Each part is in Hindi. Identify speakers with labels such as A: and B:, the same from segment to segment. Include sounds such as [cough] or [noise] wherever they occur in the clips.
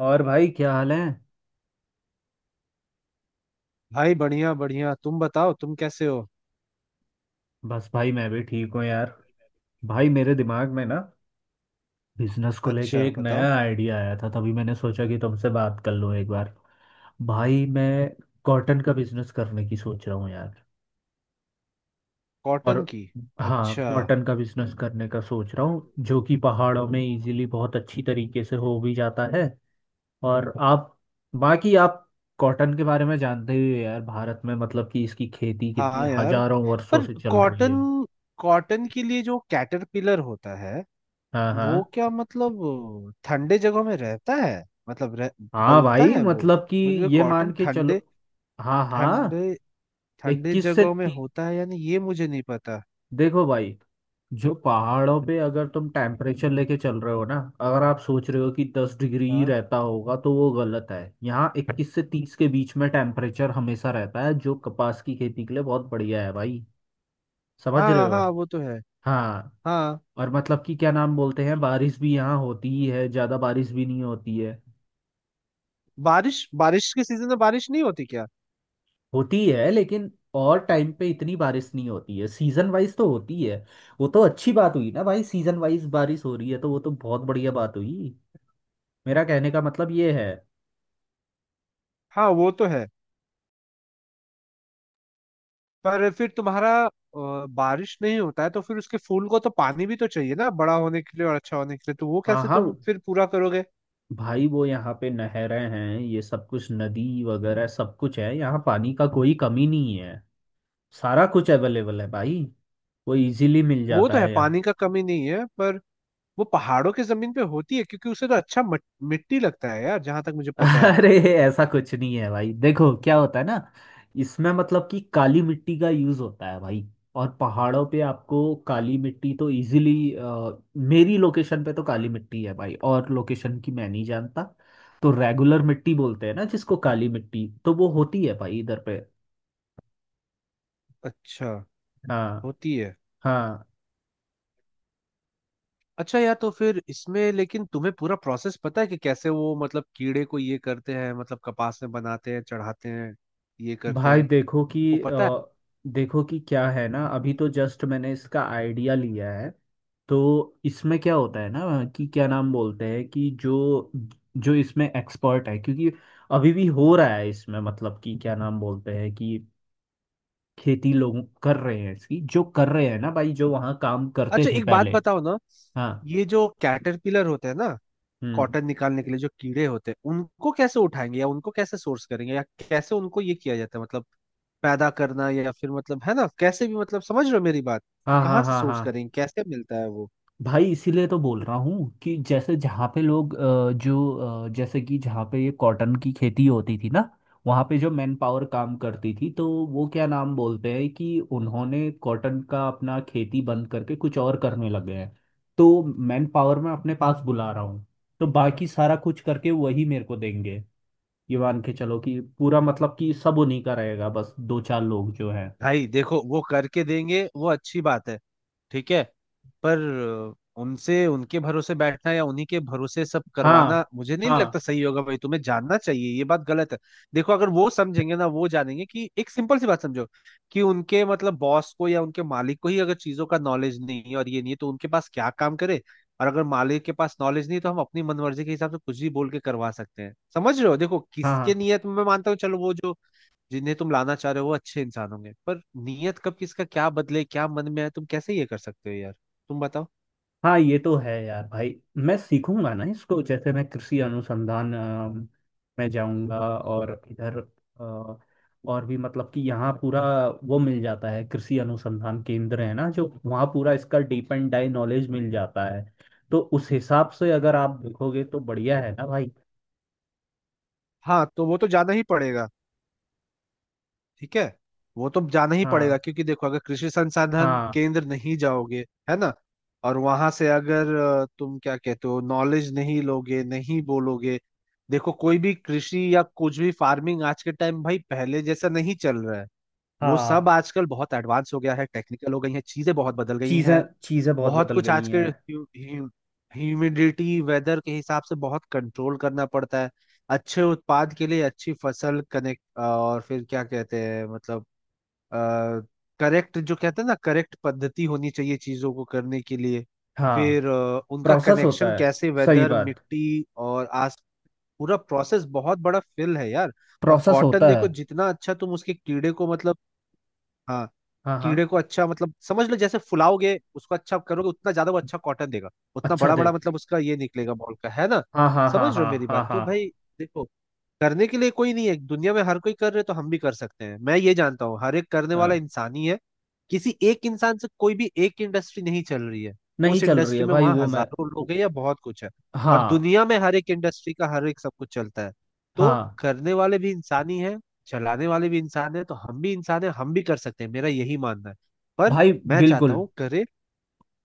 A: और भाई क्या हाल है?
B: भाई बढ़िया बढ़िया, तुम बताओ तुम कैसे हो।
A: बस भाई मैं भी ठीक हूँ यार। भाई मेरे दिमाग में ना बिजनेस को लेके
B: अच्छा,
A: एक नया
B: बताओ।
A: आइडिया आया था, तभी मैंने सोचा कि तुमसे बात कर लूँ एक बार। भाई मैं कॉटन का बिजनेस करने की सोच रहा हूँ यार। और।
B: कॉटन की?
A: हाँ,
B: अच्छा।
A: कॉटन का बिजनेस करने का सोच रहा हूँ, जो कि पहाड़ों में इजीली बहुत अच्छी तरीके से हो भी जाता है। और आप बाकी आप कॉटन के बारे में जानते ही हो यार। भारत में मतलब कि इसकी खेती कितनी
B: हाँ यार,
A: हजारों वर्षों
B: पर
A: से चल रही
B: कॉटन,
A: है।
B: कॉटन के लिए जो कैटरपिलर होता है
A: हाँ
B: वो
A: हाँ।
B: क्या मतलब ठंडे जगहों में रहता है? मतलब
A: हाँ
B: पलता
A: भाई
B: है वो?
A: मतलब कि
B: मतलब
A: ये
B: कॉटन
A: मान के चलो।
B: ठंडे,
A: हाँ हाँ।
B: ठंडे ठंडे
A: इक्कीस से
B: जगहों में
A: ती...
B: होता है यानी, ये मुझे नहीं पता।
A: देखो भाई। जो पहाड़ों पे अगर तुम टेम्परेचर लेके चल रहे हो ना, अगर आप सोच रहे हो कि 10 डिग्री ही
B: हाँ,
A: रहता होगा तो वो गलत है। यहाँ 21 से 30 के बीच में टेम्परेचर हमेशा रहता है, जो कपास की खेती के लिए बहुत बढ़िया है भाई। समझ रहे
B: हाँ
A: हो?
B: हाँ, वो तो है।
A: हाँ।
B: हाँ।
A: और मतलब कि क्या नाम बोलते हैं, बारिश भी यहाँ होती ही है, ज़्यादा बारिश भी नहीं होती है।
B: बारिश, बारिश के सीजन में बारिश नहीं होती क्या?
A: होती है, लेकिन और टाइम पे इतनी बारिश नहीं होती है, सीजन वाइज तो होती है। वो तो अच्छी बात हुई ना भाई। सीजन वाइज बारिश हो रही है तो वो तो बहुत बढ़िया बात हुई। मेरा कहने का मतलब ये है।
B: हाँ वो तो है। पर फिर तुम्हारा बारिश नहीं होता है तो फिर उसके फूल को तो पानी भी तो चाहिए ना बड़ा होने के लिए और अच्छा होने के लिए, तो वो
A: हाँ
B: कैसे
A: हाँ।
B: तुम फिर पूरा करोगे?
A: भाई वो यहाँ पे नहरें हैं, ये सब कुछ, नदी वगैरह सब कुछ है, यहाँ पानी का कोई कमी नहीं है। सारा कुछ अवेलेबल है भाई, वो इजीली मिल
B: वो
A: जाता
B: तो है,
A: है यहाँ।
B: पानी का कमी नहीं है, पर वो पहाड़ों की जमीन पे होती है क्योंकि उसे तो अच्छा मिट्टी लगता है यार, जहां तक मुझे पता है।
A: अरे, ऐसा कुछ नहीं है भाई। देखो क्या होता है ना, इसमें मतलब कि काली मिट्टी का यूज होता है भाई। और पहाड़ों पे आपको काली मिट्टी तो इजीली। मेरी लोकेशन पे तो काली मिट्टी है भाई, और लोकेशन की मैं नहीं जानता। तो रेगुलर मिट्टी बोलते हैं ना जिसको, काली मिट्टी तो वो होती है भाई इधर पे।
B: अच्छा,
A: हाँ
B: होती है।
A: हाँ।
B: अच्छा यार, तो फिर इसमें लेकिन तुम्हें पूरा प्रोसेस पता है कि कैसे वो मतलब कीड़े को ये करते हैं, मतलब कपास में बनाते हैं, चढ़ाते हैं, ये करते
A: भाई
B: हैं,
A: देखो कि
B: वो पता है?
A: देखो कि क्या है ना, अभी तो जस्ट मैंने इसका आइडिया लिया है। तो इसमें क्या होता है ना कि क्या नाम बोलते हैं कि जो जो इसमें एक्सपर्ट है, क्योंकि अभी भी हो रहा है इसमें, मतलब कि क्या नाम बोलते हैं कि खेती लोग कर रहे हैं इसकी, जो कर रहे हैं ना भाई, जो वहाँ काम करते
B: अच्छा,
A: थे
B: एक बात
A: पहले।
B: बताओ ना।
A: हाँ।
B: ये जो कैटरपिलर होते हैं ना,
A: हम्म।
B: कॉटन निकालने के लिए जो कीड़े होते हैं, उनको कैसे उठाएंगे या उनको कैसे सोर्स करेंगे, या कैसे उनको ये किया जाता है, मतलब पैदा करना, या फिर मतलब, है ना, कैसे भी, मतलब समझ रहे हो मेरी बात, कि
A: हाँ
B: कहाँ
A: हाँ
B: से
A: हाँ
B: सोर्स
A: हाँ।
B: करेंगे, कैसे मिलता है वो?
A: भाई इसीलिए तो बोल रहा हूँ कि जैसे जहाँ पे लोग जो जैसे कि जहाँ पे ये कॉटन की खेती होती थी ना, वहाँ पे जो मैन पावर काम करती थी, तो वो क्या नाम बोलते हैं कि उन्होंने कॉटन का अपना खेती बंद करके कुछ और करने लगे हैं। तो मैन पावर मैं अपने पास बुला रहा हूँ, तो बाकी सारा कुछ करके वही मेरे को देंगे। ये मान के चलो कि पूरा मतलब कि सब उन्हीं का रहेगा, बस दो चार लोग जो हैं।
B: भाई देखो, वो करके देंगे वो अच्छी बात है, ठीक है, पर उनसे, उनके भरोसे बैठना या उन्हीं के भरोसे सब करवाना
A: हाँ
B: मुझे नहीं लगता
A: हाँ
B: सही होगा भाई, तुम्हें जानना चाहिए ये बात गलत है। देखो, अगर वो समझेंगे ना, वो जानेंगे कि, एक सिंपल सी बात समझो, कि उनके मतलब बॉस को या उनके मालिक को ही अगर चीजों का नॉलेज नहीं है और ये नहीं है, तो उनके पास क्या काम करे? और अगर मालिक के पास नॉलेज नहीं है, तो हम अपनी मनमर्जी के हिसाब से कुछ भी बोल के करवा सकते हैं, समझ रहे हो? देखो,
A: हाँ
B: किसके
A: हाँ
B: नियत में, मैं मानता हूँ चलो, वो जो जिन्हें तुम लाना चाह रहे हो वो अच्छे इंसान होंगे, पर नीयत कब किसका क्या बदले, क्या मन में है, तुम कैसे ये कर सकते हो यार, तुम बताओ।
A: हाँ। ये तो है यार भाई। मैं सीखूंगा ना इसको, जैसे मैं कृषि अनुसंधान में जाऊंगा, और इधर अ, और भी मतलब कि यहाँ पूरा वो मिल जाता है, कृषि अनुसंधान केंद्र है ना, जो वहाँ पूरा इसका डीप एंड डाई नॉलेज मिल जाता है। तो उस हिसाब से अगर आप देखोगे तो बढ़िया है ना भाई।
B: हाँ तो वो तो जाना ही पड़ेगा, ठीक है। वो तो जाना ही
A: हाँ
B: पड़ेगा, क्योंकि देखो, अगर कृषि संसाधन
A: हाँ
B: केंद्र नहीं जाओगे, है ना, और वहां से अगर तुम क्या कहते हो, नॉलेज नहीं लोगे, नहीं बोलोगे। देखो, कोई भी कृषि या कुछ भी फार्मिंग आज के टाइम भाई पहले जैसा नहीं चल रहा है। वो
A: हाँ।
B: सब आजकल बहुत एडवांस हो गया है, टेक्निकल हो गई है, चीजें बहुत बदल गई
A: चीजें
B: हैं,
A: चीजें बहुत
B: बहुत
A: बदल
B: कुछ
A: गई हैं।
B: आजकल। ह्यूमिडिटी, वेदर के हिसाब से बहुत कंट्रोल करना पड़ता है अच्छे उत्पाद के लिए, अच्छी फसल कनेक्ट, और फिर क्या कहते हैं मतलब, करेक्ट, जो कहते हैं ना, करेक्ट पद्धति होनी चाहिए चीजों को करने के लिए।
A: हाँ।
B: फिर उनका
A: प्रोसेस
B: कनेक्शन
A: होता है।
B: कैसे,
A: सही
B: वेदर,
A: बात।
B: मिट्टी और आस, पूरा प्रोसेस बहुत बड़ा फिल है यार। और
A: प्रोसेस
B: कॉटन
A: होता है।
B: देखो, जितना अच्छा तुम उसके कीड़े को मतलब, हाँ,
A: हाँ हाँ।
B: कीड़े को अच्छा मतलब समझ लो, जैसे फुलाओगे, उसको अच्छा करोगे, उतना ज्यादा वो अच्छा कॉटन देगा, उतना
A: अच्छा
B: बड़ा
A: दे।
B: बड़ा मतलब उसका ये निकलेगा, बॉल का, है ना?
A: हाँ हाँ हाँ
B: समझ रहे हो
A: हाँ
B: मेरी
A: हाँ
B: बात? तो
A: हाँ
B: भाई देखो, करने के लिए कोई नहीं है दुनिया में, हर कोई कर रहे, तो हम भी कर सकते हैं, मैं ये जानता हूँ, हर एक करने वाला
A: हाँ।
B: इंसान ही है। किसी एक इंसान से कोई भी एक इंडस्ट्री नहीं चल रही है,
A: नहीं
B: उस
A: चल रही है
B: इंडस्ट्री में
A: भाई
B: वहां
A: वो मैं।
B: हजारों लोग
A: वो-।
B: हैं या बहुत कुछ है, और
A: हाँ।
B: दुनिया में हर एक इंडस्ट्री का हर एक सब कुछ चलता है। तो
A: हाँ।
B: करने वाले भी इंसान ही है, चलाने वाले भी इंसान है, तो हम भी इंसान है, हम भी कर सकते हैं, मेरा यही मानना है। पर
A: भाई।
B: मैं चाहता
A: बिल्कुल।
B: हूँ करे,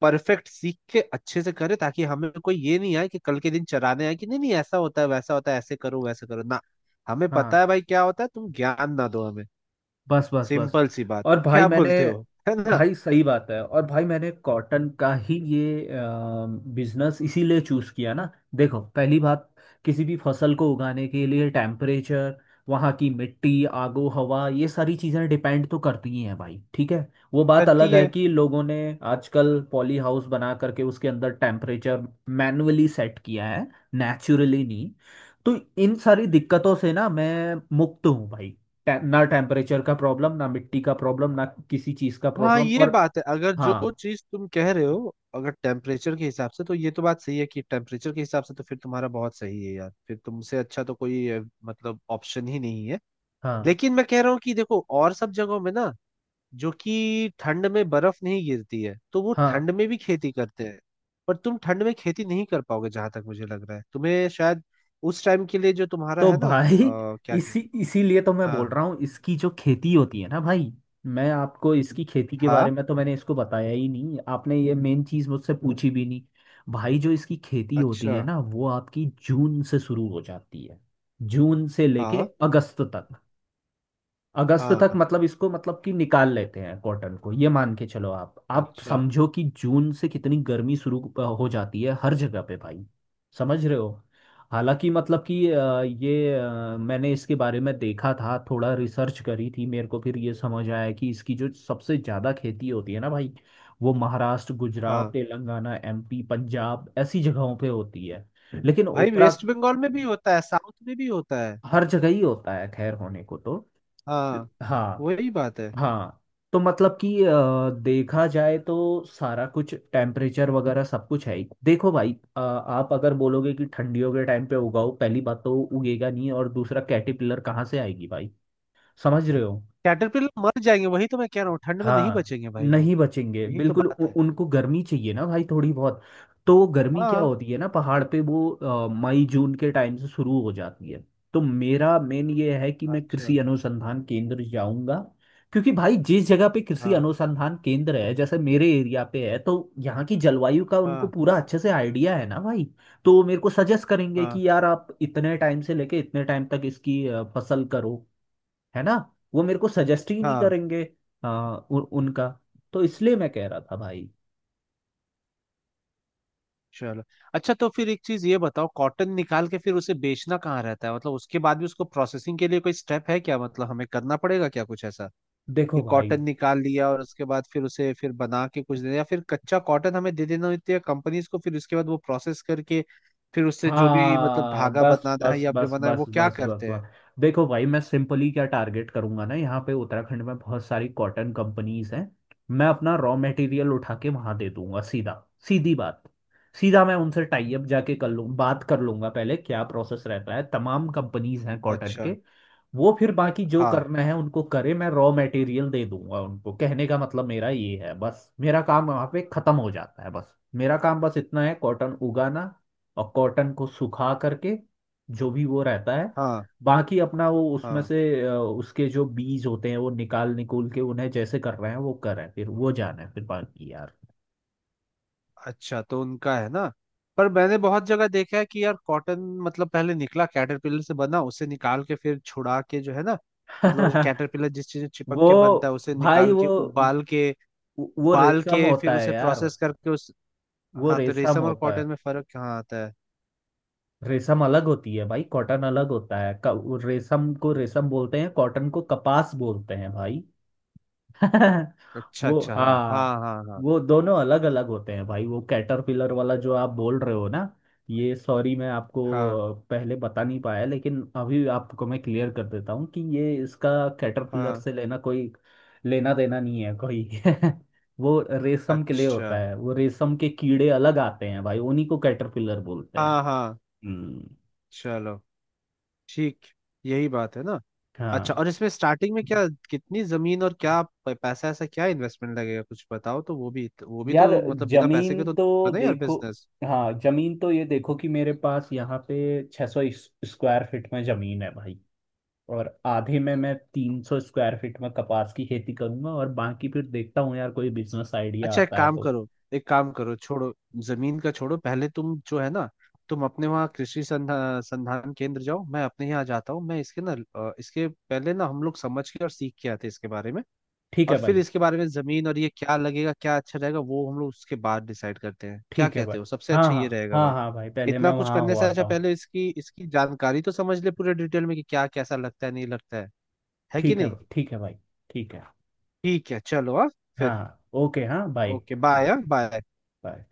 B: परफेक्ट सीख के अच्छे से करे, ताकि हमें कोई ये नहीं आए कि कल के दिन चराने आए कि नहीं नहीं ऐसा होता है, वैसा होता है, ऐसे करो, वैसे करो ना। हमें
A: हाँ।
B: पता है भाई क्या होता है, तुम ज्ञान ना दो हमें,
A: बस बस बस।
B: सिंपल सी बात,
A: और भाई
B: क्या
A: मैंने।
B: बोलते हो, है ना?
A: भाई सही बात है, और भाई मैंने कॉटन का ही ये बिजनेस इसीलिए चूज किया ना। देखो पहली बात, किसी भी फसल को उगाने के लिए टेम्परेचर, वहाँ की मिट्टी, आगो हवा, ये सारी चीज़ें डिपेंड तो करती ही हैं भाई, ठीक है। वो बात
B: करती
A: अलग है
B: है।
A: कि लोगों ने आजकल पॉली हाउस बना करके उसके अंदर टेम्परेचर मैन्युअली सेट किया है, नेचुरली नहीं। तो इन सारी दिक्कतों से ना मैं मुक्त हूँ भाई। ना टेम्परेचर का प्रॉब्लम, ना मिट्टी का प्रॉब्लम, ना किसी चीज का
B: हाँ,
A: प्रॉब्लम,
B: ये
A: और
B: बात है, अगर
A: हाँ
B: जो चीज तुम कह रहे हो अगर टेम्परेचर के हिसाब से, तो ये तो बात सही है, कि टेम्परेचर के हिसाब से तो फिर तुम्हारा बहुत सही है यार, फिर तुमसे अच्छा तो कोई मतलब ऑप्शन ही नहीं है।
A: हाँ
B: लेकिन मैं कह रहा हूँ कि देखो, और सब जगहों में ना, जो कि ठंड में बर्फ नहीं गिरती है तो वो
A: हाँ।
B: ठंड में भी खेती करते हैं, पर तुम ठंड में खेती नहीं कर पाओगे जहां तक मुझे लग रहा है, तुम्हें शायद उस टाइम के लिए जो तुम्हारा
A: तो
B: है ना
A: भाई [laughs]
B: क्या
A: इसी
B: कहते
A: इसीलिए तो मैं
B: हैं।
A: बोल
B: हाँ,
A: रहा हूँ, इसकी जो खेती होती है ना भाई। मैं आपको इसकी खेती के बारे
B: हाँ।
A: में तो मैंने इसको बताया ही नहीं, आपने ये मेन चीज मुझसे पूछी भी नहीं। भाई जो इसकी खेती होती
B: अच्छा।
A: है ना, वो आपकी जून से शुरू हो जाती है। जून से लेके
B: हाँ।
A: अगस्त तक। अगस्त तक
B: हाँ।
A: मतलब इसको मतलब कि निकाल लेते हैं कॉटन को। ये मान के चलो आप
B: अच्छा।
A: समझो कि जून से कितनी गर्मी शुरू हो जाती है हर जगह पे भाई। समझ रहे हो? हालांकि मतलब कि ये मैंने इसके बारे में देखा था, थोड़ा रिसर्च करी थी। मेरे को फिर ये समझ आया कि इसकी जो सबसे ज़्यादा खेती होती है ना भाई, वो महाराष्ट्र, गुजरात,
B: हाँ
A: तेलंगाना, एमपी, पंजाब ऐसी जगहों पे होती है। लेकिन
B: भाई,
A: उत्तरा
B: वेस्ट बंगाल में भी होता है, साउथ में भी होता है।
A: हर जगह ही होता है, खैर होने को तो।
B: हाँ,
A: हाँ
B: वही बात है।
A: हाँ। तो मतलब कि देखा जाए तो सारा कुछ टेम्परेचर वगैरह सब कुछ है ही। देखो भाई आप अगर बोलोगे कि ठंडियों के टाइम पे उगाओ, पहली बात तो उगेगा नहीं, और दूसरा कैटरपिलर कहाँ से आएगी भाई। समझ रहे हो?
B: कैटरपिलर मर जाएंगे, वही तो मैं कह रहा हूँ, ठंड में नहीं
A: हाँ।
B: बचेंगे भाई वो।
A: नहीं बचेंगे
B: यही तो
A: बिल्कुल।
B: बात है।
A: उनको गर्मी चाहिए ना भाई थोड़ी बहुत। तो गर्मी क्या
B: हाँ।
A: होती है ना, पहाड़ पे वो मई जून के टाइम से शुरू हो जाती है। तो मेरा मेन ये है कि मैं
B: अच्छा।
A: कृषि अनुसंधान केंद्र जाऊंगा। क्योंकि भाई जिस जगह पे कृषि
B: हाँ
A: अनुसंधान केंद्र है, जैसे मेरे एरिया पे है, तो यहाँ की जलवायु का उनको
B: हाँ
A: पूरा अच्छे से आइडिया है ना भाई। तो वो मेरे को सजेस्ट करेंगे
B: हाँ
A: कि यार आप इतने टाइम से लेके इतने टाइम तक इसकी फसल करो, है ना। वो मेरे को सजेस्ट ही नहीं
B: हाँ।
A: करेंगे। हाँ उनका। तो इसलिए मैं कह रहा था भाई।
B: चलो। अच्छा, तो फिर एक चीज ये बताओ, कॉटन निकाल के फिर उसे बेचना कहाँ रहता है, मतलब उसके बाद भी उसको प्रोसेसिंग के लिए कोई स्टेप है क्या, मतलब हमें करना पड़ेगा क्या कुछ ऐसा, कि
A: देखो भाई।
B: कॉटन निकाल लिया और उसके बाद फिर उसे फिर बना के कुछ दे, या फिर कच्चा कॉटन हमें दे देना होती है कंपनीज को, फिर उसके बाद वो प्रोसेस करके, फिर उससे जो भी मतलब
A: हाँ
B: धागा
A: बस
B: बनाना है
A: बस
B: या
A: बस
B: बनाना है,
A: बस
B: वो क्या
A: बस बस
B: करते हैं?
A: बस। देखो भाई मैं सिंपली क्या टारगेट करूंगा ना, यहाँ पे उत्तराखंड में बहुत सारी कॉटन कंपनीज हैं। मैं अपना रॉ मटेरियल उठा के वहां दे दूंगा सीधा। सीधी बात। सीधा मैं उनसे टाई अप जाके कर लूँ, बात कर लूंगा पहले क्या प्रोसेस रहता है, तमाम कंपनीज हैं कॉटन
B: अच्छा।
A: के। वो फिर बाकी जो
B: हाँ
A: करना है उनको करे, मैं रॉ मटेरियल दे दूंगा उनको। कहने का मतलब मेरा ये है बस, मेरा काम वहां पे खत्म हो जाता है। बस मेरा काम बस इतना है, कॉटन उगाना और कॉटन को सुखा करके जो भी वो रहता है।
B: हाँ
A: बाकी अपना वो उसमें
B: हाँ।
A: से उसके जो बीज होते हैं वो निकाल निकूल के उन्हें जैसे कर रहे हैं वो कर रहे हैं, फिर वो जाना है फिर बाकी यार।
B: अच्छा, तो उनका, है ना। पर मैंने बहुत जगह देखा है कि यार कॉटन, मतलब पहले निकला कैटरपिलर से बना, उसे निकाल के फिर छुड़ा के, जो है ना, मतलब जो
A: [laughs]
B: कैटरपिलर जिस चीज में चिपक
A: वो
B: के बनता है उसे
A: भाई
B: निकाल के,
A: वो
B: उबाल के,
A: वो
B: उबाल
A: रेशम
B: के फिर
A: होता है
B: उसे
A: यार।
B: प्रोसेस करके उस,
A: वो
B: हाँ तो
A: रेशम
B: रेशम और
A: होता
B: कॉटन
A: है।
B: में फर्क कहाँ आता है?
A: रेशम अलग होती है भाई, कॉटन अलग होता है। रेशम को रेशम बोलते हैं, कॉटन को कपास बोलते हैं भाई। [laughs]
B: अच्छा
A: वो
B: अच्छा, हाँ
A: हाँ।
B: हाँ हाँ हाँ
A: वो दोनों अलग अलग होते हैं भाई। वो कैटरपिलर वाला जो आप बोल रहे हो ना, ये सॉरी मैं आपको
B: हाँ
A: पहले बता नहीं पाया, लेकिन अभी आपको मैं क्लियर कर देता हूँ कि ये इसका कैटरपिलर
B: हाँ।
A: से लेना कोई लेना देना नहीं है कोई। [laughs] वो रेशम के लिए
B: अच्छा।
A: होता है, वो रेशम के कीड़े अलग आते हैं भाई, उन्हीं को कैटरपिलर बोलते हैं।
B: हाँ हाँ।
A: हम्म।
B: चलो, ठीक, यही बात है ना। अच्छा,
A: हाँ।
B: और इसमें स्टार्टिंग में क्या, कितनी जमीन और क्या पैसा, ऐसा क्या इन्वेस्टमेंट लगेगा, कुछ बताओ तो। वो भी, वो भी
A: यार
B: तो मतलब बिना पैसे के
A: जमीन
B: तो नहीं
A: तो
B: होगा ना यार
A: देखो।
B: बिजनेस।
A: हाँ जमीन तो ये देखो कि मेरे पास यहाँ पे 600 स्क्वायर फीट में जमीन है भाई, और आधे में मैं 300 स्क्वायर फीट में कपास की खेती करूंगा, और बाकी फिर देखता हूँ यार कोई बिजनेस आइडिया
B: अच्छा, एक
A: आता है
B: काम
A: तो।
B: करो, एक काम करो, छोड़ो, जमीन का छोड़ो, पहले तुम, जो है ना, तुम अपने वहाँ कृषि संधान केंद्र जाओ, मैं अपने यहाँ जाता हूँ, मैं इसके ना इसके पहले ना, हम लोग समझ के और सीख के आते हैं इसके बारे में,
A: ठीक
B: और
A: है
B: फिर
A: भाई।
B: इसके बारे में जमीन और ये क्या लगेगा, क्या अच्छा रहेगा, वो हम लोग उसके बाद डिसाइड करते हैं, क्या
A: ठीक है भाई।
B: कहते हो? सबसे
A: हाँ
B: अच्छा
A: हाँ
B: ये रहेगा
A: हाँ
B: भाई,
A: हाँ भाई पहले
B: इतना
A: मैं
B: कुछ
A: वहाँ
B: करने
A: हो
B: से अच्छा
A: आता हूँ।
B: पहले इसकी इसकी जानकारी तो समझ ले पूरे डिटेल में, कि क्या कैसा लगता है, नहीं लगता है कि नहीं।
A: ठीक है भाई। ठीक है।
B: ठीक है चलो, हाँ, फिर।
A: हाँ ओके हाँ बाय।
B: ओके बाय, हाँ बाय।
A: बाय।